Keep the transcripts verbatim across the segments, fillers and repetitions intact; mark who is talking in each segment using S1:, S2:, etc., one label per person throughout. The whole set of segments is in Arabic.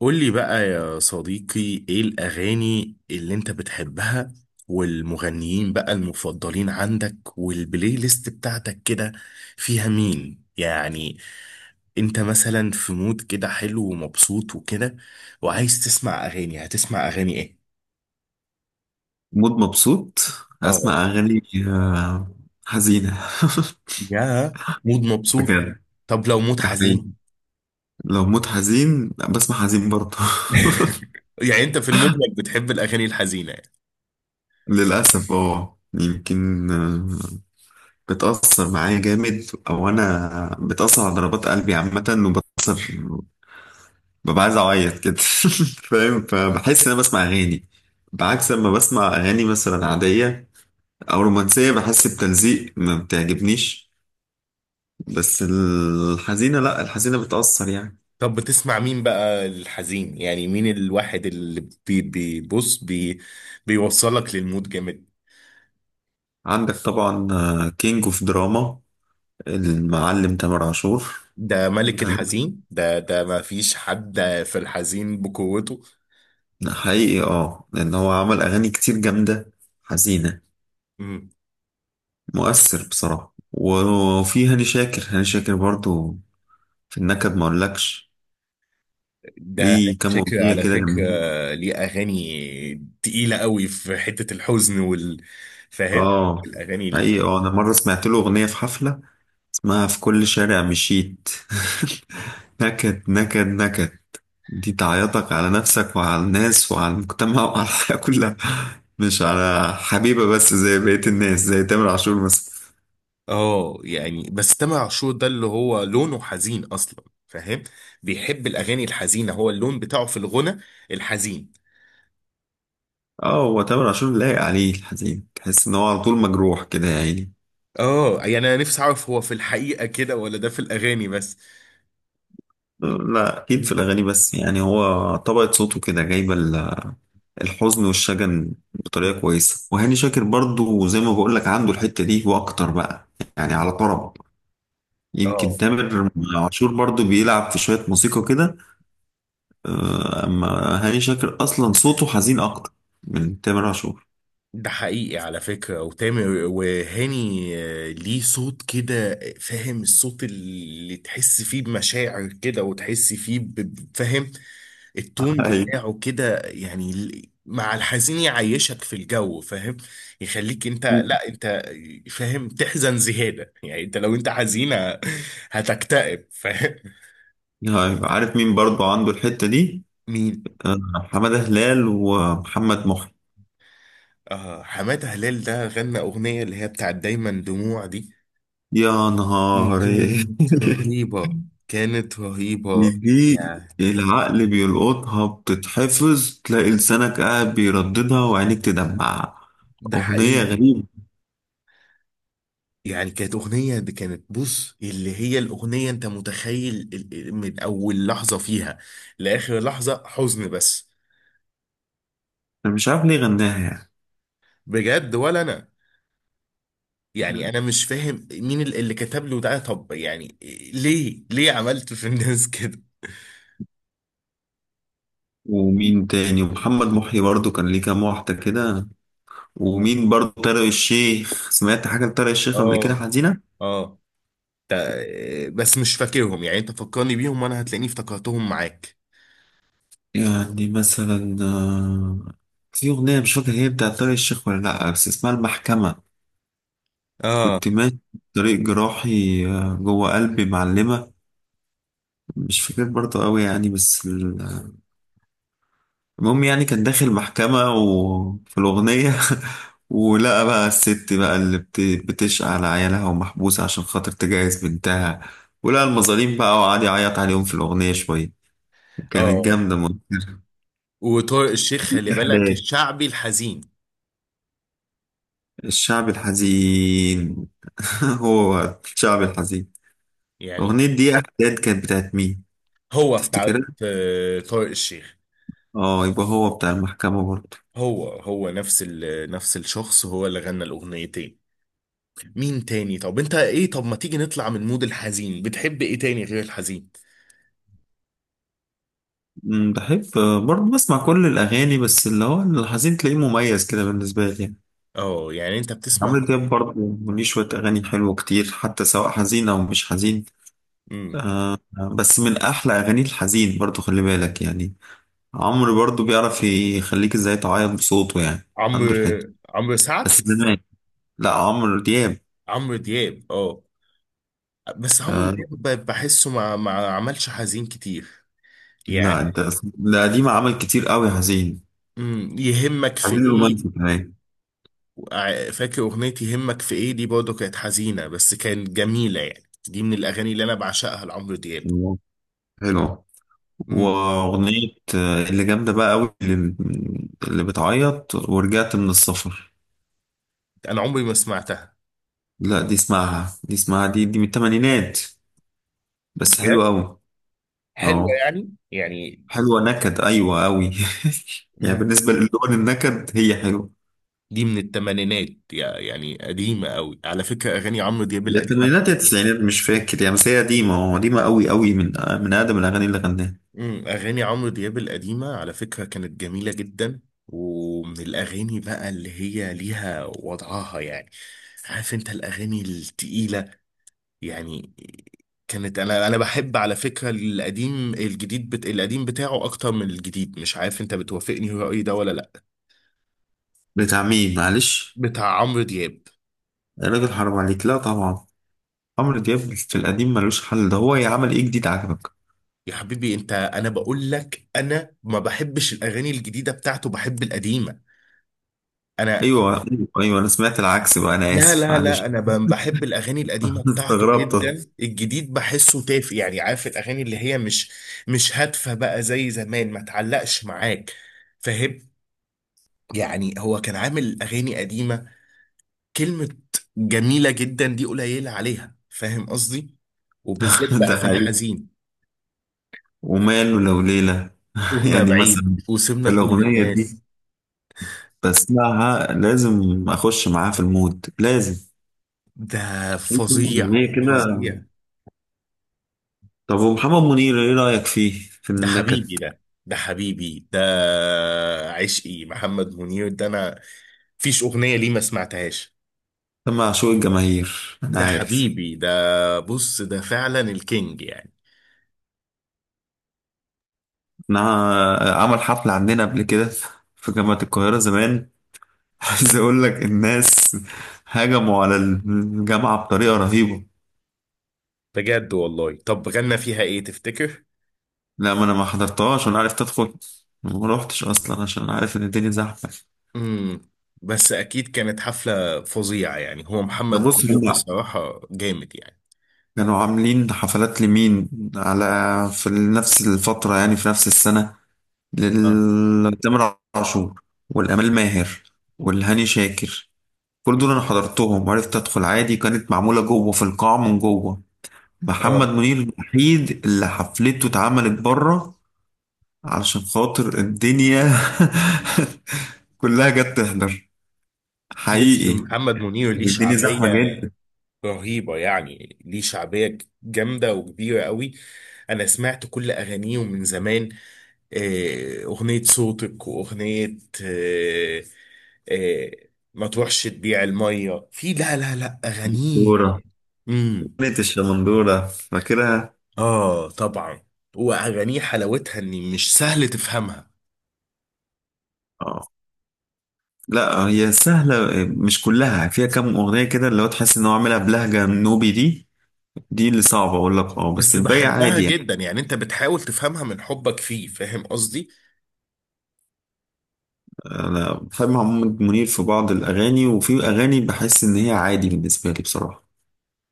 S1: قولي بقى يا صديقي، ايه الأغاني اللي انت بتحبها والمغنيين بقى المفضلين عندك والبلاي ليست بتاعتك كده فيها مين يعني؟ انت مثلا في مود كده حلو ومبسوط وكده وعايز تسمع أغاني، هتسمع أغاني ايه؟
S2: مود مبسوط،
S1: اه،
S2: هسمع أغاني آه، حزينة.
S1: يا مود مبسوط.
S2: بجد،
S1: طب لو مود
S2: ده حقيقي.
S1: حزين.
S2: لو مود حزين بسمع حزين برضه.
S1: يعني انت في المجمل بتحب الأغاني الحزينة.
S2: للأسف اه يمكن، آه، بتأثر معايا جامد، أو أنا بتأثر على ضربات قلبي عامة وبتأثر، ببقى عايز أعيط كده. فاهم؟ فبحس إن أنا بسمع أغاني بعكس لما بسمع أغاني مثلا عادية أو رومانسية، بحس بتلزيق، ما بتعجبنيش. بس الحزينة لأ، الحزينة بتأثر يعني.
S1: طب بتسمع مين بقى الحزين، يعني مين الواحد اللي بي بيبص بي بيوصلك للمود جامد؟
S2: عندك طبعا، آه، كينج اوف دراما، المعلم تامر عاشور.
S1: ده ملك
S2: ده
S1: الحزين ده ده ما فيش حد في الحزين بقوته.
S2: حقيقي، اه، لان هو عمل اغاني كتير جامده حزينه،
S1: مم.
S2: مؤثر بصراحه. وفي هاني شاكر، هاني شاكر برضو في النكد ما اقولكش،
S1: ده
S2: ليه كام
S1: شكل
S2: اغنيه
S1: على
S2: كده
S1: فكرة
S2: جامدين.
S1: ليه أغاني تقيلة قوي في حتة الحزن وال، فاهم؟
S2: اه
S1: الأغاني ال...
S2: حقيقي، اه، انا مره سمعت له اغنيه في حفله اسمها في كل شارع مشيت. نكد نكد نكد، دي تعيطك على نفسك وعلى الناس وعلى المجتمع وعلى الحياة كلها، مش على حبيبة بس زي بقية الناس زي تامر عاشور مثلا.
S1: اه يعني بس تامر عاشور ده اللي هو لونه حزين أصلا، فاهم؟ بيحب الأغاني الحزينة، هو اللون بتاعه في الغنى الحزين.
S2: اه، هو تامر عاشور لايق عليه الحزين، تحس ان هو على طول مجروح كده يا عيني.
S1: اه يعني انا نفسي اعرف هو في الحقيقة كده ولا ده في الاغاني بس.
S2: لا، اكيد في الاغاني بس، يعني هو طبقة صوته كده جايبة ال- الحزن والشجن بطريقة
S1: مم.
S2: كويسة. وهاني شاكر برضو زي ما بقول لك عنده الحتة دي واكتر بقى، يعني
S1: مم.
S2: على طرب. يمكن
S1: اه،
S2: تامر عاشور برضو بيلعب في شوية موسيقى كده، آه، اما هاني شاكر اصلا صوته حزين اكتر من تامر عاشور.
S1: ده حقيقي على فكرة. وتامر وهاني آه، ليه صوت كده، فاهم؟ الصوت اللي تحس فيه بمشاعر كده، وتحس فيه ب- ب- فاهم؟ التون
S2: ايوه،
S1: بتاعه كده يعني ال- مع الحزين يعيشك في الجو، فاهم؟ يخليك انت، لا انت فاهم، تحزن زيادة، يعني انت لو انت حزينة هتكتئب، فاهم؟
S2: أيوة. عارف مين برضو عنده الحتة دي؟
S1: مين؟
S2: آه، حمادة هلال ومحمد محي.
S1: آه، حمادة هلال ده غنى أغنية اللي هي بتاعت دايما دموع دي.
S2: يا
S1: دي
S2: نهار!
S1: كانت رهيبة، كانت
S2: دي
S1: رهيبة
S2: دي
S1: يعني.
S2: العقل بيلقطها، بتتحفظ، تلاقي لسانك قاعد بيرددها وعينيك تدمع.
S1: ده
S2: أغنية
S1: حقيقي.
S2: غريبة،
S1: يعني كانت أغنية دي، كانت بص اللي هي الأغنية، أنت متخيل ال- ال- من أول لحظة فيها لآخر لحظة حزن بس.
S2: أنا مش عارف ليه غناها يعني.
S1: بجد، ولا أنا يعني أنا مش فاهم مين ال- اللي كتب له ده، طب يعني ليه ليه عملت في الناس كده؟
S2: ومين تاني؟ ومحمد محي برضو كان ليه كام واحدة كده. ومين برضو؟ طارق الشيخ، سمعت حاجة لطارق الشيخ قبل كده
S1: آه،
S2: حزينة.
S1: آه، آه، بس مش فاكرهم، يعني انت فكرني بيهم وانا هتلاقيني افتكرتهم معاك.
S2: يعني مثلا، آه، في أغنية مش فاكر هي بتاعت طارق الشيخ ولا لأ، بس اسمها المحكمة.
S1: اه،
S2: كنت ماشي في طريق جراحي، آه، جوه قلبي معلمة. مش فاكر برضو قوي يعني، بس ال- المهم، يعني كان داخل محكمة وفي الأغنية، ولقى بقى الست بقى اللي بت- بتشقى على عيالها ومحبوسة عشان خاطر تجهز بنتها، ولقى المظالم بقى وقعد يعيط عليهم في الأغنية شوية. كانت
S1: اه.
S2: جامدة مؤخرا.
S1: وطارق الشيخ خلي بالك،
S2: إحداث
S1: الشعبي الحزين
S2: الشعب الحزين. هو الشعب الحزين.
S1: يعني.
S2: أغنية دي إحداد كانت بتاعت مين؟
S1: هو بتاع
S2: تفتكرها؟
S1: آه، طارق الشيخ.
S2: اه، يبقى هو بتاع المحكمة برضه.
S1: هو هو نفس ال نفس الشخص، هو اللي غنى الاغنيتين. مين تاني؟ طب انت ايه؟ طب ما تيجي نطلع من مود الحزين، بتحب ايه تاني غير الحزين؟
S2: أمم، بحب برضه بسمع كل الأغاني، بس اللي هو الحزين تلاقيه مميز كده بالنسبة لي يعني.
S1: اه يعني انت بتسمع.
S2: عمرو دياب برضه ليه شوية أغاني حلوة كتير حتى، سواء حزين أو مش حزين.
S1: امم،
S2: آه، بس من أحلى أغاني الحزين برضه، خلي بالك يعني. عمرو برضه بيعرف يخليك إزاي تعيط بصوته يعني. عنده
S1: عمرو،
S2: الحتة
S1: عمرو سعد
S2: بس زمان. لا، عمرو دياب.
S1: عمرو دياب؟ اه، بس عمرو دياب
S2: آه
S1: ب- بحسه ما ما عملش حزين كتير
S2: لا،
S1: يعني.
S2: انت ده قديم عمل كتير قوي حزين،
S1: امم، يهمك في
S2: حزين
S1: ايه.
S2: رومانسي كمان.
S1: وع- فاكر اغنية يهمك في ايه دي؟ برضه كانت حزينة بس كانت جميلة يعني، دي من الاغاني اللي انا بعشقها لعمرو دياب.
S2: الله، حلو.
S1: امم.
S2: واغنية، آه، اللي جامدة بقى قوي، اللي, اللي بتعيط، ورجعت من السفر.
S1: انا عمري ما سمعتها.
S2: لا، دي اسمعها، دي اسمعها دي دي من الثمانينات، بس
S1: بجد؟
S2: حلوة قوي.
S1: حلوة
S2: اه
S1: يعني يعني؟
S2: حلوة نكد، ايوه قوي. يعني
S1: مم.
S2: بالنسبة للون النكد هي حلوة.
S1: دي من الثمانينات يعني قديمة قوي، على فكرة اغاني عمرو دياب
S2: يا
S1: القديمة
S2: الثمانينات يا
S1: كانت،
S2: التسعينات، مش فاكر يعني، بس هي قديمة، اه قديمة قوي قوي، من من أقدم الأغاني اللي غناها.
S1: امم، اغاني عمرو دياب القديمة على فكرة كانت جميلة جدا، ومن الاغاني بقى اللي هي ليها وضعها يعني، عارف انت، الاغاني التقيلة يعني. كانت، انا انا بحب على فكره القديم، الجديد بت... القديم بتاعه اكتر من الجديد، مش عارف انت بتوافقني في رايي ده ولا لا؟
S2: بتاع مين معلش؟
S1: بتاع عمرو دياب.
S2: يا راجل حرام عليك! لا طبعا، عمرو دياب في القديم ملوش حل، ده هو يعمل ايه جديد عجبك؟
S1: يا حبيبي انت، انا بقول لك انا ما بحبش الاغاني الجديده بتاعته، بحب القديمه انا.
S2: ايوه ايوه أيوة، انا سمعت العكس بقى، انا
S1: لا
S2: اسف
S1: لا لا
S2: معلش.
S1: انا ب- بحب الاغاني القديمه بتاعته
S2: استغربت.
S1: جدا، الجديد بحسه تافه يعني، عارف الاغاني اللي هي مش مش هادفه بقى زي زمان، ما تعلقش معاك، فاهم؟ يعني هو كان عامل اغاني قديمه كلمة جميلة جدا دي قليلة عليها، فاهم قصدي؟ وبالذات
S2: ده
S1: بقى في
S2: حقيقي،
S1: الحزين.
S2: وماله لو ليلة،
S1: تهنا
S2: يعني
S1: بعيد
S2: مثلا،
S1: وسيبنا كل
S2: الأغنية دي
S1: الناس.
S2: بسمعها لازم أخش معاها في المود، لازم.
S1: ده فظيع،
S2: أغنية كده.
S1: فظيع.
S2: طب ومحمد منير إيه رأيك فيه في
S1: ده
S2: النكد؟
S1: حبيبي ده، ده حبيبي ده، عشقي محمد منير ده انا، فيش اغنية ليه ما سمعتهاش.
S2: ده معشوق الجماهير أنا
S1: ده
S2: عارف.
S1: حبيبي ده، بص ده فعلا الكينج يعني.
S2: أنا عمل حفلة عندنا قبل كده في جامعة القاهرة زمان، عايز اقول لك الناس هجموا على الجامعة بطريقة رهيبة.
S1: بجد والله؟ طب غنى فيها ايه تفتكر؟
S2: لا، ما انا ما حضرتهاش، وانا عرفت ادخل، ما روحتش اصلا عشان عارف ان الدنيا زحمة.
S1: امم. بس اكيد كانت حفله فظيعه يعني، هو
S2: ده
S1: محمد
S2: بص،
S1: منير
S2: هم
S1: بصراحه جامد يعني.
S2: كانوا عاملين حفلات لمين، على، في نفس الفترة يعني في نفس السنة،
S1: اه،
S2: لتامر عاشور والأمال ماهر والهاني شاكر، كل دول انا حضرتهم وعرفت ادخل عادي، كانت معمولة جوه في القاعة من جوه.
S1: اه.
S2: محمد منير الوحيد اللي حفلته اتعملت بره علشان خاطر الدنيا كلها جت تحضر،
S1: بص
S2: حقيقي،
S1: محمد منير ليه
S2: يعني الدنيا
S1: شعبيه
S2: زحمة جدا.
S1: رهيبه يعني، ليه شعبيه جامده وكبيره قوي. انا سمعت كل اغانيه من زمان، آه، اغنيه صوتك، واغنيه آه، آه، ما تروحش تبيع الميه في، لا لا لا اغانيه.
S2: دورة،
S1: امم.
S2: كانت الشمندورة فاكرها.
S1: اه طبعا. واغانيه حلاوتها ان مش سهل تفهمها،
S2: اه، لا هي سهلة، مش كلها، فيها كام أغنية كده اللي هو تحس إن هو عاملها بلهجة نوبي، دي دي اللي صعبة، أقول لك اه، بس
S1: بس
S2: الباقي
S1: بحبها
S2: عادي يعني.
S1: جدا يعني، انت بتحاول تفهمها من حبك فيه، فاهم قصدي؟
S2: أنا بحب محمد منير في بعض الأغاني، وفي أغاني بحس إن هي عادي بالنسبة لي بصراحة.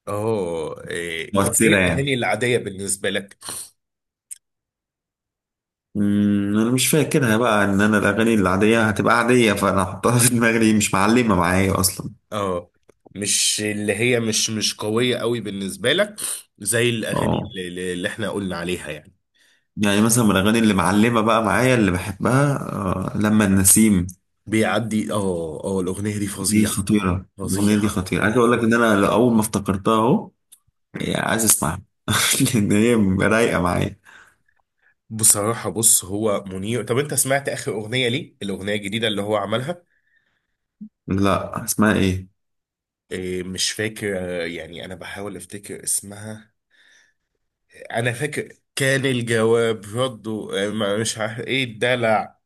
S1: اه، إيه؟ طب ايه
S2: مؤثرة يعني.
S1: الاغاني العاديه بالنسبه لك؟
S2: امم، انا مش فاكرها بقى، ان انا الاغاني العاديه هتبقى عاديه، فانا احطها في دماغي ليه؟ مش معلمه معايا اصلا.
S1: اه، مش اللي هي مش مش قويه قوي بالنسبه لك، زي الاغاني
S2: اه،
S1: اللي, اللي احنا قلنا عليها يعني.
S2: يعني مثلا من الاغاني اللي معلمه بقى معايا اللي بحبها، آه لما النسيم.
S1: بيعدي، اه اه، الاغنيه دي
S2: دي
S1: فظيعه،
S2: خطيره، الاغنيه دي
S1: فظيعه.
S2: خطيره، عايز اقول لك ان انا اول ما افتكرتها اهو، يعني عايز اسمعها، لان هي رايقه معايا.
S1: بصراحه بص، هو منير، طب انت سمعت اخر اغنيه ليه، الاغنيه الجديده اللي هو عملها؟
S2: لا، اسمها ايه؟
S1: إيه مش فاكر، آه، يعني انا بحاول افتكر اسمها، انا فاكر كان الجواب رده، آه، ما- مش عارف ايه الدلع،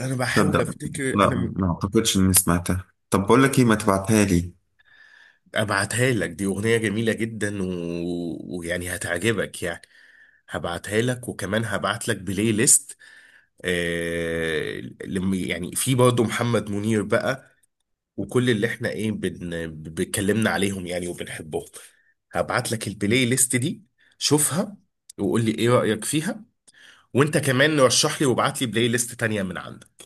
S1: انا بحاول
S2: تصدق،
S1: افتكر
S2: لا
S1: انا.
S2: ما اعتقدش اني سمعتها. طب بقول لك ايه، ما تبعتها لي.
S1: ابعتها لك، دي اغنية جميلة جدا و... ويعني هتعجبك يعني، هبعتها لك وكمان هبعت لك بلاي ليست، آه... لم... يعني في برضه محمد منير بقى وكل اللي احنا ايه بن... بنتكلمنا عليهم يعني وبنحبهم، هبعت لك البلاي ليست دي، شوفها وقول لي ايه رأيك فيها. وانت كمان رشح لي وابعت لي بلاي ليست تانية من عندك.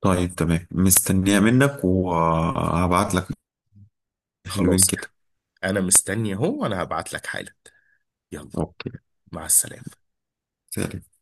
S2: طيب تمام، مستنيها منك وهبعت لك. حلوين
S1: خلاص
S2: كده.
S1: يعني، انا مستني اهو وانا هبعت لك حالا. يلا،
S2: اوكي،
S1: مع السلامة.
S2: سلام.